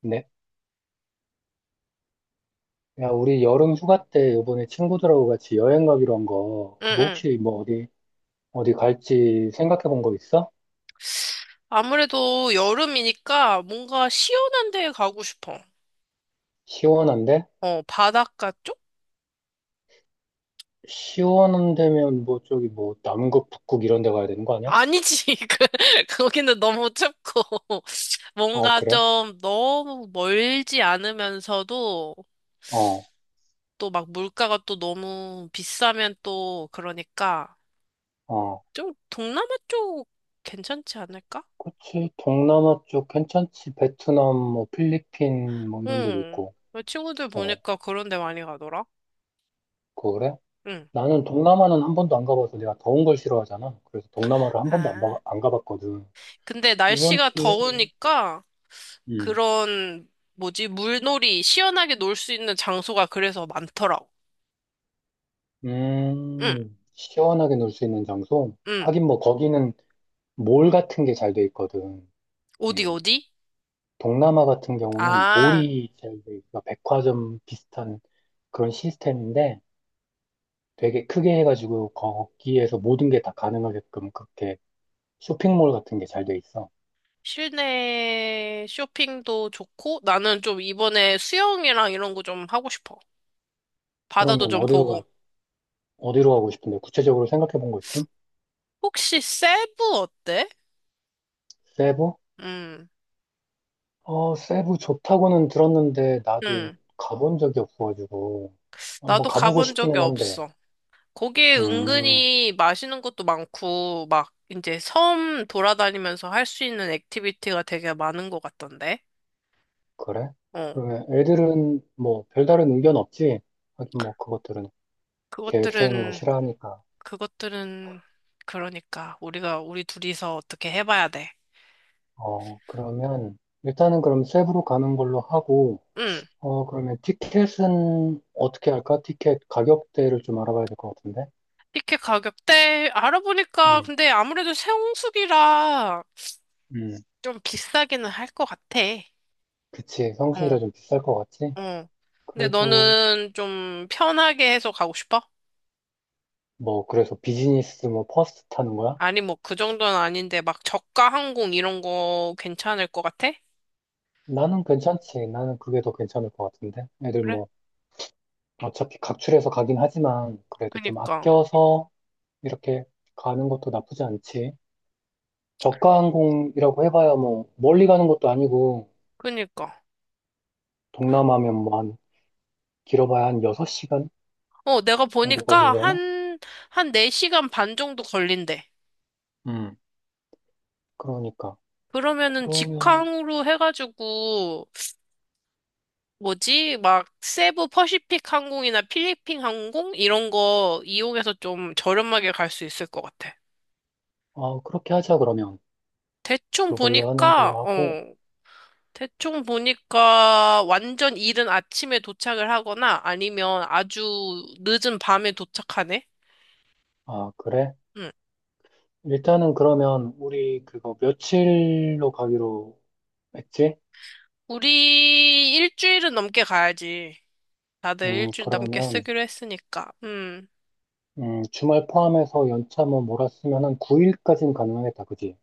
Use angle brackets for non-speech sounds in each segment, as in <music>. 네. 야, 우리 여름 휴가 때 이번에 친구들하고 같이 여행 가기로 한 거, 그거 응응. 혹시 뭐 어디, 어디 갈지 생각해 본 거 있어? 아무래도 여름이니까 뭔가 시원한 데 가고 싶어. 시원한데? 어, 바닷가 쪽? 시원한 데면 뭐 저기 뭐 남극, 북극 이런 데 가야 되는 거 아니야? 아니지. <laughs> 그, 거기는 너무 춥고. <laughs> 아, 뭔가 그래? 좀 너무 멀지 않으면서도 어, 또 막 물가가 또 너무 비싸면 또 그러니까 어. 좀 동남아 쪽 괜찮지 않을까? 그치. 동남아 쪽 괜찮지. 베트남, 뭐 필리핀 뭐 이런 데도 응. 있고. 내 친구들 어, 보니까 그런 데 많이 가더라. 그래? 응. 나는 동남아는 한 번도 안 가봐서 내가 더운 걸 싫어하잖아. 그래서 동남아를 한 번도 아. 안 가봤거든. 근데 이번 날씨가 기회에. 더우니까 그런 뭐지 물놀이 시원하게 놀 수 있는 장소가 그래서 많더라고. 응, 시원하게 놀 수 있는 장소? 응. 하긴 뭐 거기는 몰 같은 게 잘 돼 있거든. 어디 음, 어디? 동남아 같은 경우는 아, 몰이 잘 돼 있어. 백화점 비슷한 그런 시스템인데 되게 크게 해가지고 거기에서 모든 게 다 가능하게끔 그렇게 쇼핑몰 같은 게 잘 돼 있어. 실내 쇼핑도 좋고 나는 좀 이번에 수영이랑 이런 거 좀 하고 싶어. 바다도 그러면 좀 보고. 어디로 가고 싶은데 구체적으로 생각해 본 거 있음? 혹시 세부 어때? 세부? 응, 어, 세부 좋다고는 들었는데 나도 응. 가본 적이 없어가지고 한번 나도 가보고 가본 적이 싶기는 한데. 없어. 거기에 음, 은근히 맛있는 것도 많고, 막 이제 섬 돌아다니면서 할 수 있는 액티비티가 되게 많은 것 같던데. 그래? 어. 그러면 애들은 뭐 별다른 의견 없지? 하긴 뭐 그것들은 계획 세우는 거 그것들은, 싫어하니까. 그것들은, 그러니까 우리 둘이서 어떻게 해봐야 돼. 어, 그러면 일단은 그럼 세부로 가는 걸로 하고, 응. 어, 그러면 티켓은 어떻게 할까? 티켓 가격대를 좀 알아봐야 될 것 같은데? 티켓 가격대 알아보니까 음. 근데 아무래도 세홍수기라 음. 좀 비싸기는 할 것 같아. 그치. 성수기라 어, 좀 비쌀 것 같지? 어. 근데 그래도 너는 좀 편하게 해서 가고 싶어? 뭐 그래서 비즈니스 뭐 퍼스트 타는 거야? 아니, 뭐, 그 정도는 아닌데, 막, 저가 항공 이런 거 괜찮을 것 같아? 나는 괜찮지. 나는 그게 더 괜찮을 것 같은데? 애들 그래? 뭐 어차피 각출해서 가긴 하지만 그래도 좀 그니까, 아껴서 이렇게 가는 것도 나쁘지 않지. 저가 항공이라고 해봐야 뭐 멀리 가는 것도 아니고 그니까. 동남아면 뭐 한 길어봐야 한 6시간 어, 내가 정도 보니까 걸리려나? 한, 한 4시간 반 정도 걸린대. 음. 그러니까 그러면은 그러면. 직항으로 해가지고, 뭐지? 막, 세부 퍼시픽 항공이나 필리핀 항공? 이런 거 이용해서 좀 저렴하게 갈 수 있을 것 같아. 아, 그렇게 하자. 그러면 대충 그걸로 하는 보니까, 걸로 하고. 어, 대충 보니까 완전 이른 아침에 도착을 하거나 아니면 아주 늦은 밤에 도착하네? 아, 그래? 응. 일단은 그러면 우리 그거 며칠로 가기로 했지? 우리 일주일은 넘게 가야지. 다들 일주일 넘게 그러면 쓰기로 했으니까. 음. 주말 포함해서 연차 뭐 몰았으면 한 9일까지는 가능하겠다, 그지?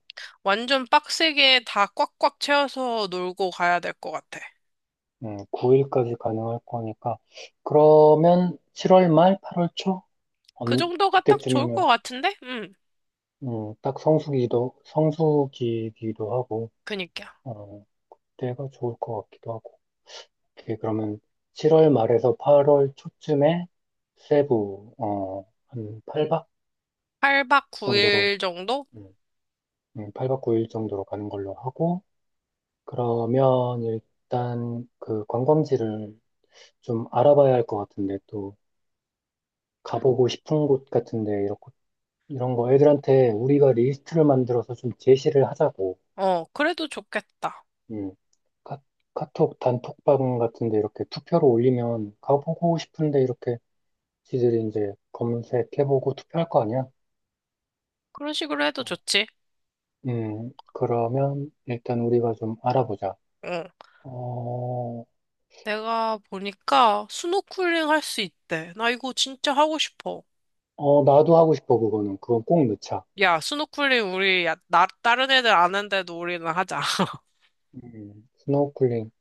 완전 빡세게 다 꽉꽉 채워서 놀고 가야 될 것 같아. 9일까지 가능할 거니까. 그러면 7월 말, 8월 초? 그 정도가 딱 좋을 것 그때쯤이면, 같은데? 음. 딱 성수기기도 하고, 그니까. 어, 때가 좋을 것 같기도 하고. 오케이, 그러면 7월 말에서 8월 초쯤에 세부, 한 8박 8박 정도로, 9일 정도? 음, 8박 9일 정도로 가는 걸로 하고, 그러면 일단 그 관광지를 좀 알아봐야 할 것 같은데, 또, 가보고 싶은 곳 같은데, 이렇게 이런 거 애들한테 우리가 리스트를 만들어서 좀 제시를 하자고. 어, 그래도 좋겠다. 음. 카, 카톡 단톡방 같은데 이렇게 투표로 올리면 가보고 싶은데 이렇게 지들이 이제 검색해보고 투표할 거 아니야? 그런 식으로 해도 어, 좋지. 그러면 일단 우리가 좀 알아보자. 어. 어, 내가 보니까 스노클링 할 수 있대. 나 이거 진짜 하고 싶어. 어, 나도 하고 싶어, 그거는. 그건 꼭 넣자. 야, 스노클링 우리 야, 나 다른 애들 아는데도 우리는 하자. <laughs> 스노우클링.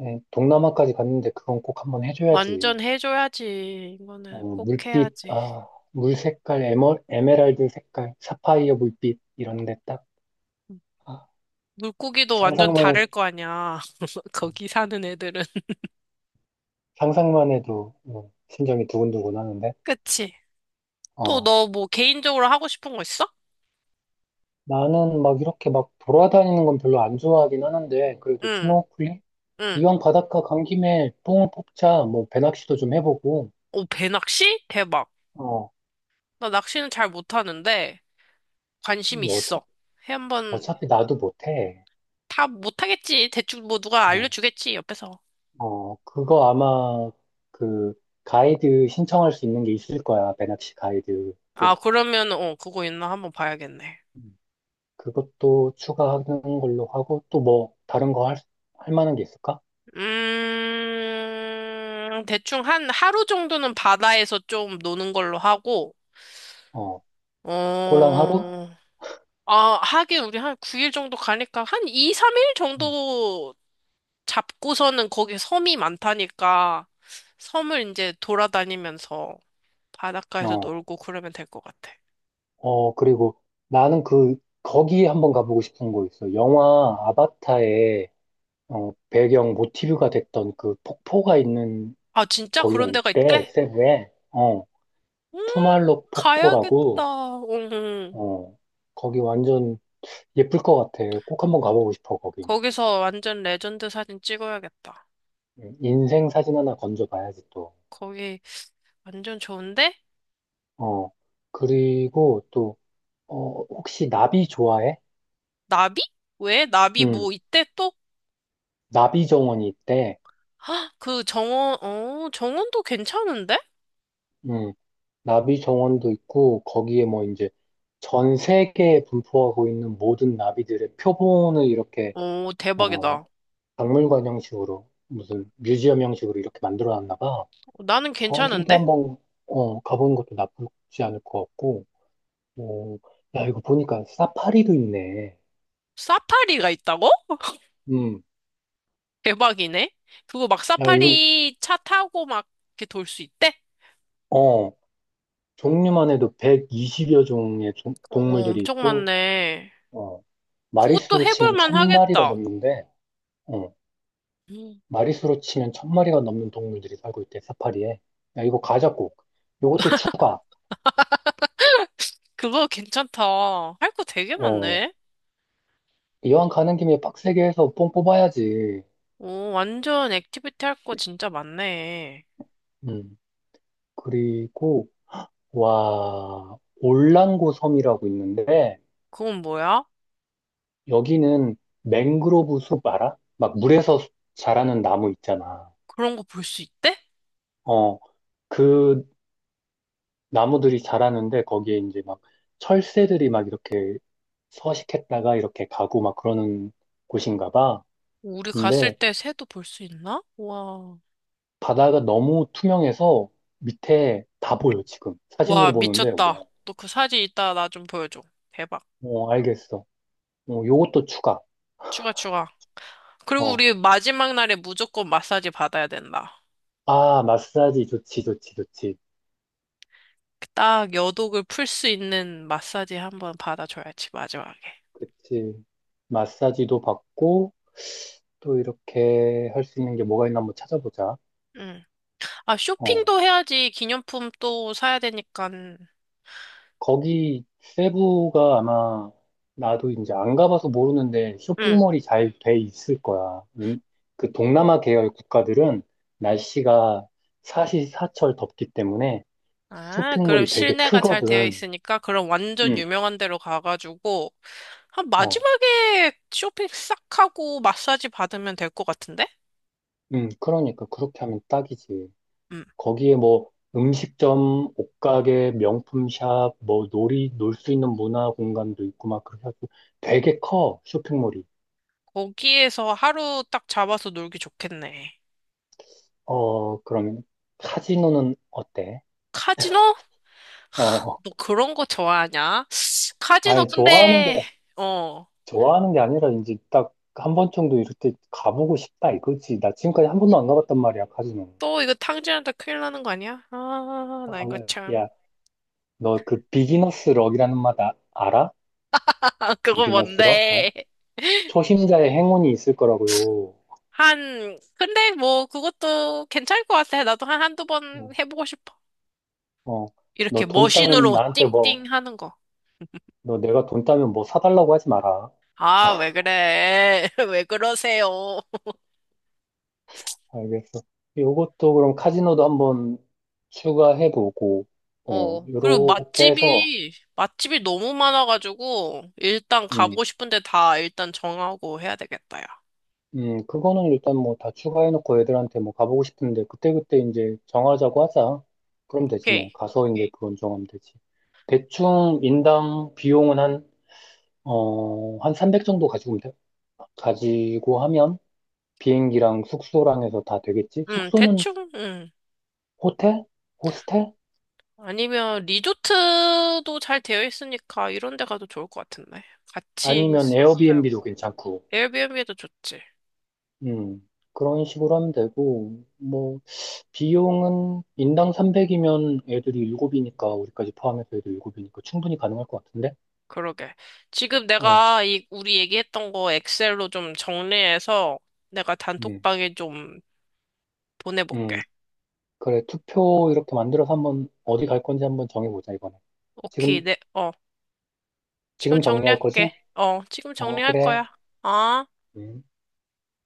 동남아까지 갔는데 그건 꼭 한번 해줘야지. 완전 해줘야지. 이거는 꼭 물빛, 해야지. 물 색깔, 에메랄드 색깔, 사파이어 물빛, 이런데 딱. 아, 물고기도 완전 상상만, 해- 다를 거 아니야. <laughs> 거기 사는 애들은. <laughs> 상상만 해도 심장이 두근두근 하는데, 그치? 또 어, 너 뭐 개인적으로 하고 싶은 거 있어? 나는 막 이렇게 막 돌아다니는 건 별로 안 좋아하긴 하는데, 그래도 응, 스노클링? 응. 이왕 바닷가 간 김에 뽕을 뽑자, 뭐, 배낚시도 좀 해보고, 오, 배낚시? 대박. 어, 나 낚시는 잘 못하는데 관심 뭐 어차, 있어. 해 한번 어차피 나도 못해. 다 못하겠지. 대충 뭐 누가 어, 알려주겠지, 옆에서. 어, 그거 아마, 그, 가이드 신청할 수 있는 게 있을 거야, 배낚시 가이드. 그 아, 그러면, 어, 그거 있나 한번 봐야겠네. 그것도 추가하는 걸로 하고, 또 뭐, 다른 거 할 만한 게 있을까? 대충 한 하루 정도는 바다에서 좀 노는 걸로 하고, 어, 꼴랑 하루? 아. 어, 아, 하긴 우리 한 9일 정도 가니까 한 2, 3일 음, 정도 잡고서는 거기 섬이 많다니까, 섬을 이제 돌아다니면서 바닷가에서 어, 놀고 그러면 될 것 같아. 그리고 나는 그, 거기에 한번 가보고 싶은 거 있어. 영화 아바타의 배경 모티브가 됐던 그 폭포가 있는 아, 진짜 거기가 그런 데가 있대, 있대? 세부에. 음, 투말로 가야겠다. 폭포라고, 응. 응. 어, 거기 완전 예쁠 것 같아. 꼭 한번 가보고 싶어, 거기. 거기서 완전 레전드 사진 찍어야겠다. 인생 사진 하나 건져봐야지, 또. 거기 완전 좋은데? 어, 그리고 또 혹시 나비 좋아해? 나비? 왜? 나비 음, 뭐 이때 또? 나비 정원이 있대. 헉, 그 정원, 어, 정원도 괜찮은데? 음, 나비 정원도 있고, 거기에 뭐 이제 전 세계에 분포하고 있는 모든 나비들의 표본을 이렇게, 오 어, 대박이다. 박물관 형식으로, 무슨 뮤지엄 형식으로 이렇게 만들어 놨나 봐. 나는 거기도 괜찮은데? 한번, 가보는 것도 나쁘지 않을 것 같고, 어, 야, 이거 보니까 사파리도 있네. 사파리가 있다고? 음, 대박이네. 그거 막 야, 사파리 차 타고 막 이렇게 돌 수 있대? 어, 종류만 해도 120여 종의 어, 어, 동물들이 엄청 있고, 많네. 어, 그것도 마리수로 해볼 치면 만 천 마리가 하겠다. 넘는데, 어, 음, 마리수로 치면 천 마리가 넘는 동물들이 살고 있대, 사파리에. 야, 이거 가자, 꼭. 요것도 추가. 그거 괜찮다. 할 거 되게 어, 많네. 이왕 가는 김에 빡세게 해서 뽕 뽑아야지. 오, 완전 액티비티 할 거 진짜 많네. 음, 그리고, 와, 올랑고 섬이라고 있는데, 그건 뭐야? 여기는 맹그로브 숲 알아? 막 물에서 자라는 나무 있잖아. 그런 거 볼 수 있대? 어, 그 나무들이 자라는데, 거기에 이제 막 철새들이 막 이렇게 서식했다가 이렇게 가고 막 그러는 곳인가 봐. 우리 갔을 근데 때 새도 볼 수 있나? 와. 바다가 너무 투명해서 밑에 다 보여, 지금. 와, 사진으로 보는데, 와. 미쳤다. 너 그 사진 이따 나 좀 보여줘. 대박. 어, 알겠어. 어, 요것도 추가. 추가, 추가. 그리고 어, 우리 마지막 날에 무조건 마사지 받아야 된다. 아, 마사지 좋지, 좋지, 좋지. 딱 여독을 풀 수 있는 마사지 한번 받아줘야지, 마지막에. 그치. 마사지도 받고, 또 이렇게 할 수 있는 게 뭐가 있나 한번 찾아보자. 응. 아, 어. 쇼핑도 해야지. 기념품 또 사야 되니까. 거기 세부가 아마 나도 이제 안 가봐서 모르는데 응. 쇼핑몰이 잘 돼 있을 거야. 그 동남아 계열 국가들은 날씨가 사시사철 덥기 때문에 아, 그럼 쇼핑몰이 되게 실내가 잘 되어 크거든. 있으니까 그럼 완전 응. 유명한 데로 가가지고 한 어, 마지막에 쇼핑 싹 하고 마사지 받으면 될 것 같은데? 그러니까 그렇게 하면 딱이지. 음. 거기에 뭐 음식점, 옷가게, 명품샵, 뭐 놀 수 있는 문화 공간도 있고 막 그렇게 해서 되게 커, 쇼핑몰이. 거기에서 하루 딱 잡아서 놀기 좋겠네. 어, 그러면 카지노는 어때? 카지노? 어, 너 그런 거 좋아하냐? 카지노 아니, 근데 어. 좋아하는 게 아니라 이제 딱 한 번 정도 이렇게 가보고 싶다 이거지. 나 지금까지 한 번도 안 가봤단 말이야, 카지노. 또 이거 탕진한테 큰일 나는 거 아니야? 아, 아, 나 이거 네. 참. 야, 너 그 비기너스 럭이라는 말 알아? <laughs> 아, 그거 비기너스 럭? 어? 뭔데? 초심자의 행운이 있을 거라고요. 한 근데 뭐 그것도 괜찮을 것 같아. 나도 한 한두 번 어, 해보고 싶어. 어. 이렇게 너 돈 따면 머신으로 나한테 뭐, 띵띵 하는 거. 너 내가 돈 따면 뭐 사달라고 하지 마라. 아, 왜 그래? <laughs> 왜 그러세요? 알겠어. 요것도 그럼 카지노도 한번 추가해보고, 어, 어. 그리고 요렇게 해서, 맛집이 너무 많아가지고, 일단 음, 가보고 싶은데 다 일단 정하고 해야 되겠다, 야. 그거는 일단 뭐 다 추가해놓고 애들한테 뭐 가보고 싶은데, 그때그때 이제 정하자고 하자. 그럼 되지 뭐. 오케이. 가서 이제 그건 정하면 되지. 대충 인당 비용은 한 300 정도 가지고, 오면 돼? 가지고 하면 비행기랑 숙소랑 해서 다 되겠지? 숙소는 대충, 호텔? 호스텔? 아니면 리조트도 잘 되어 있으니까 이런 데 가도 좋을 것 같은데. 같이 아니면 있어도 에어비앤비도 되고. 괜찮고. 에어비앤비도 좋지. 그런 식으로 하면 되고, 뭐, 비용은 인당 300이면 애들이 7이니까, 우리까지 포함해서 애들 7이니까 충분히 가능할 것 같은데? 그러게. 지금 어, 내가 이 우리 얘기했던 거 엑셀로 좀 정리해서 내가 음, 단톡방에 좀 음, 보내볼게. 그래, 투표 이렇게 만들어서 한번 어디 갈 건지 한번 정해보자, 이번에. 오케이, 지금, 네, 어, 지금 지금 정리할 거지? 정리할게. 어, 지금 어, 정리할 그래. 거야. 아. 음.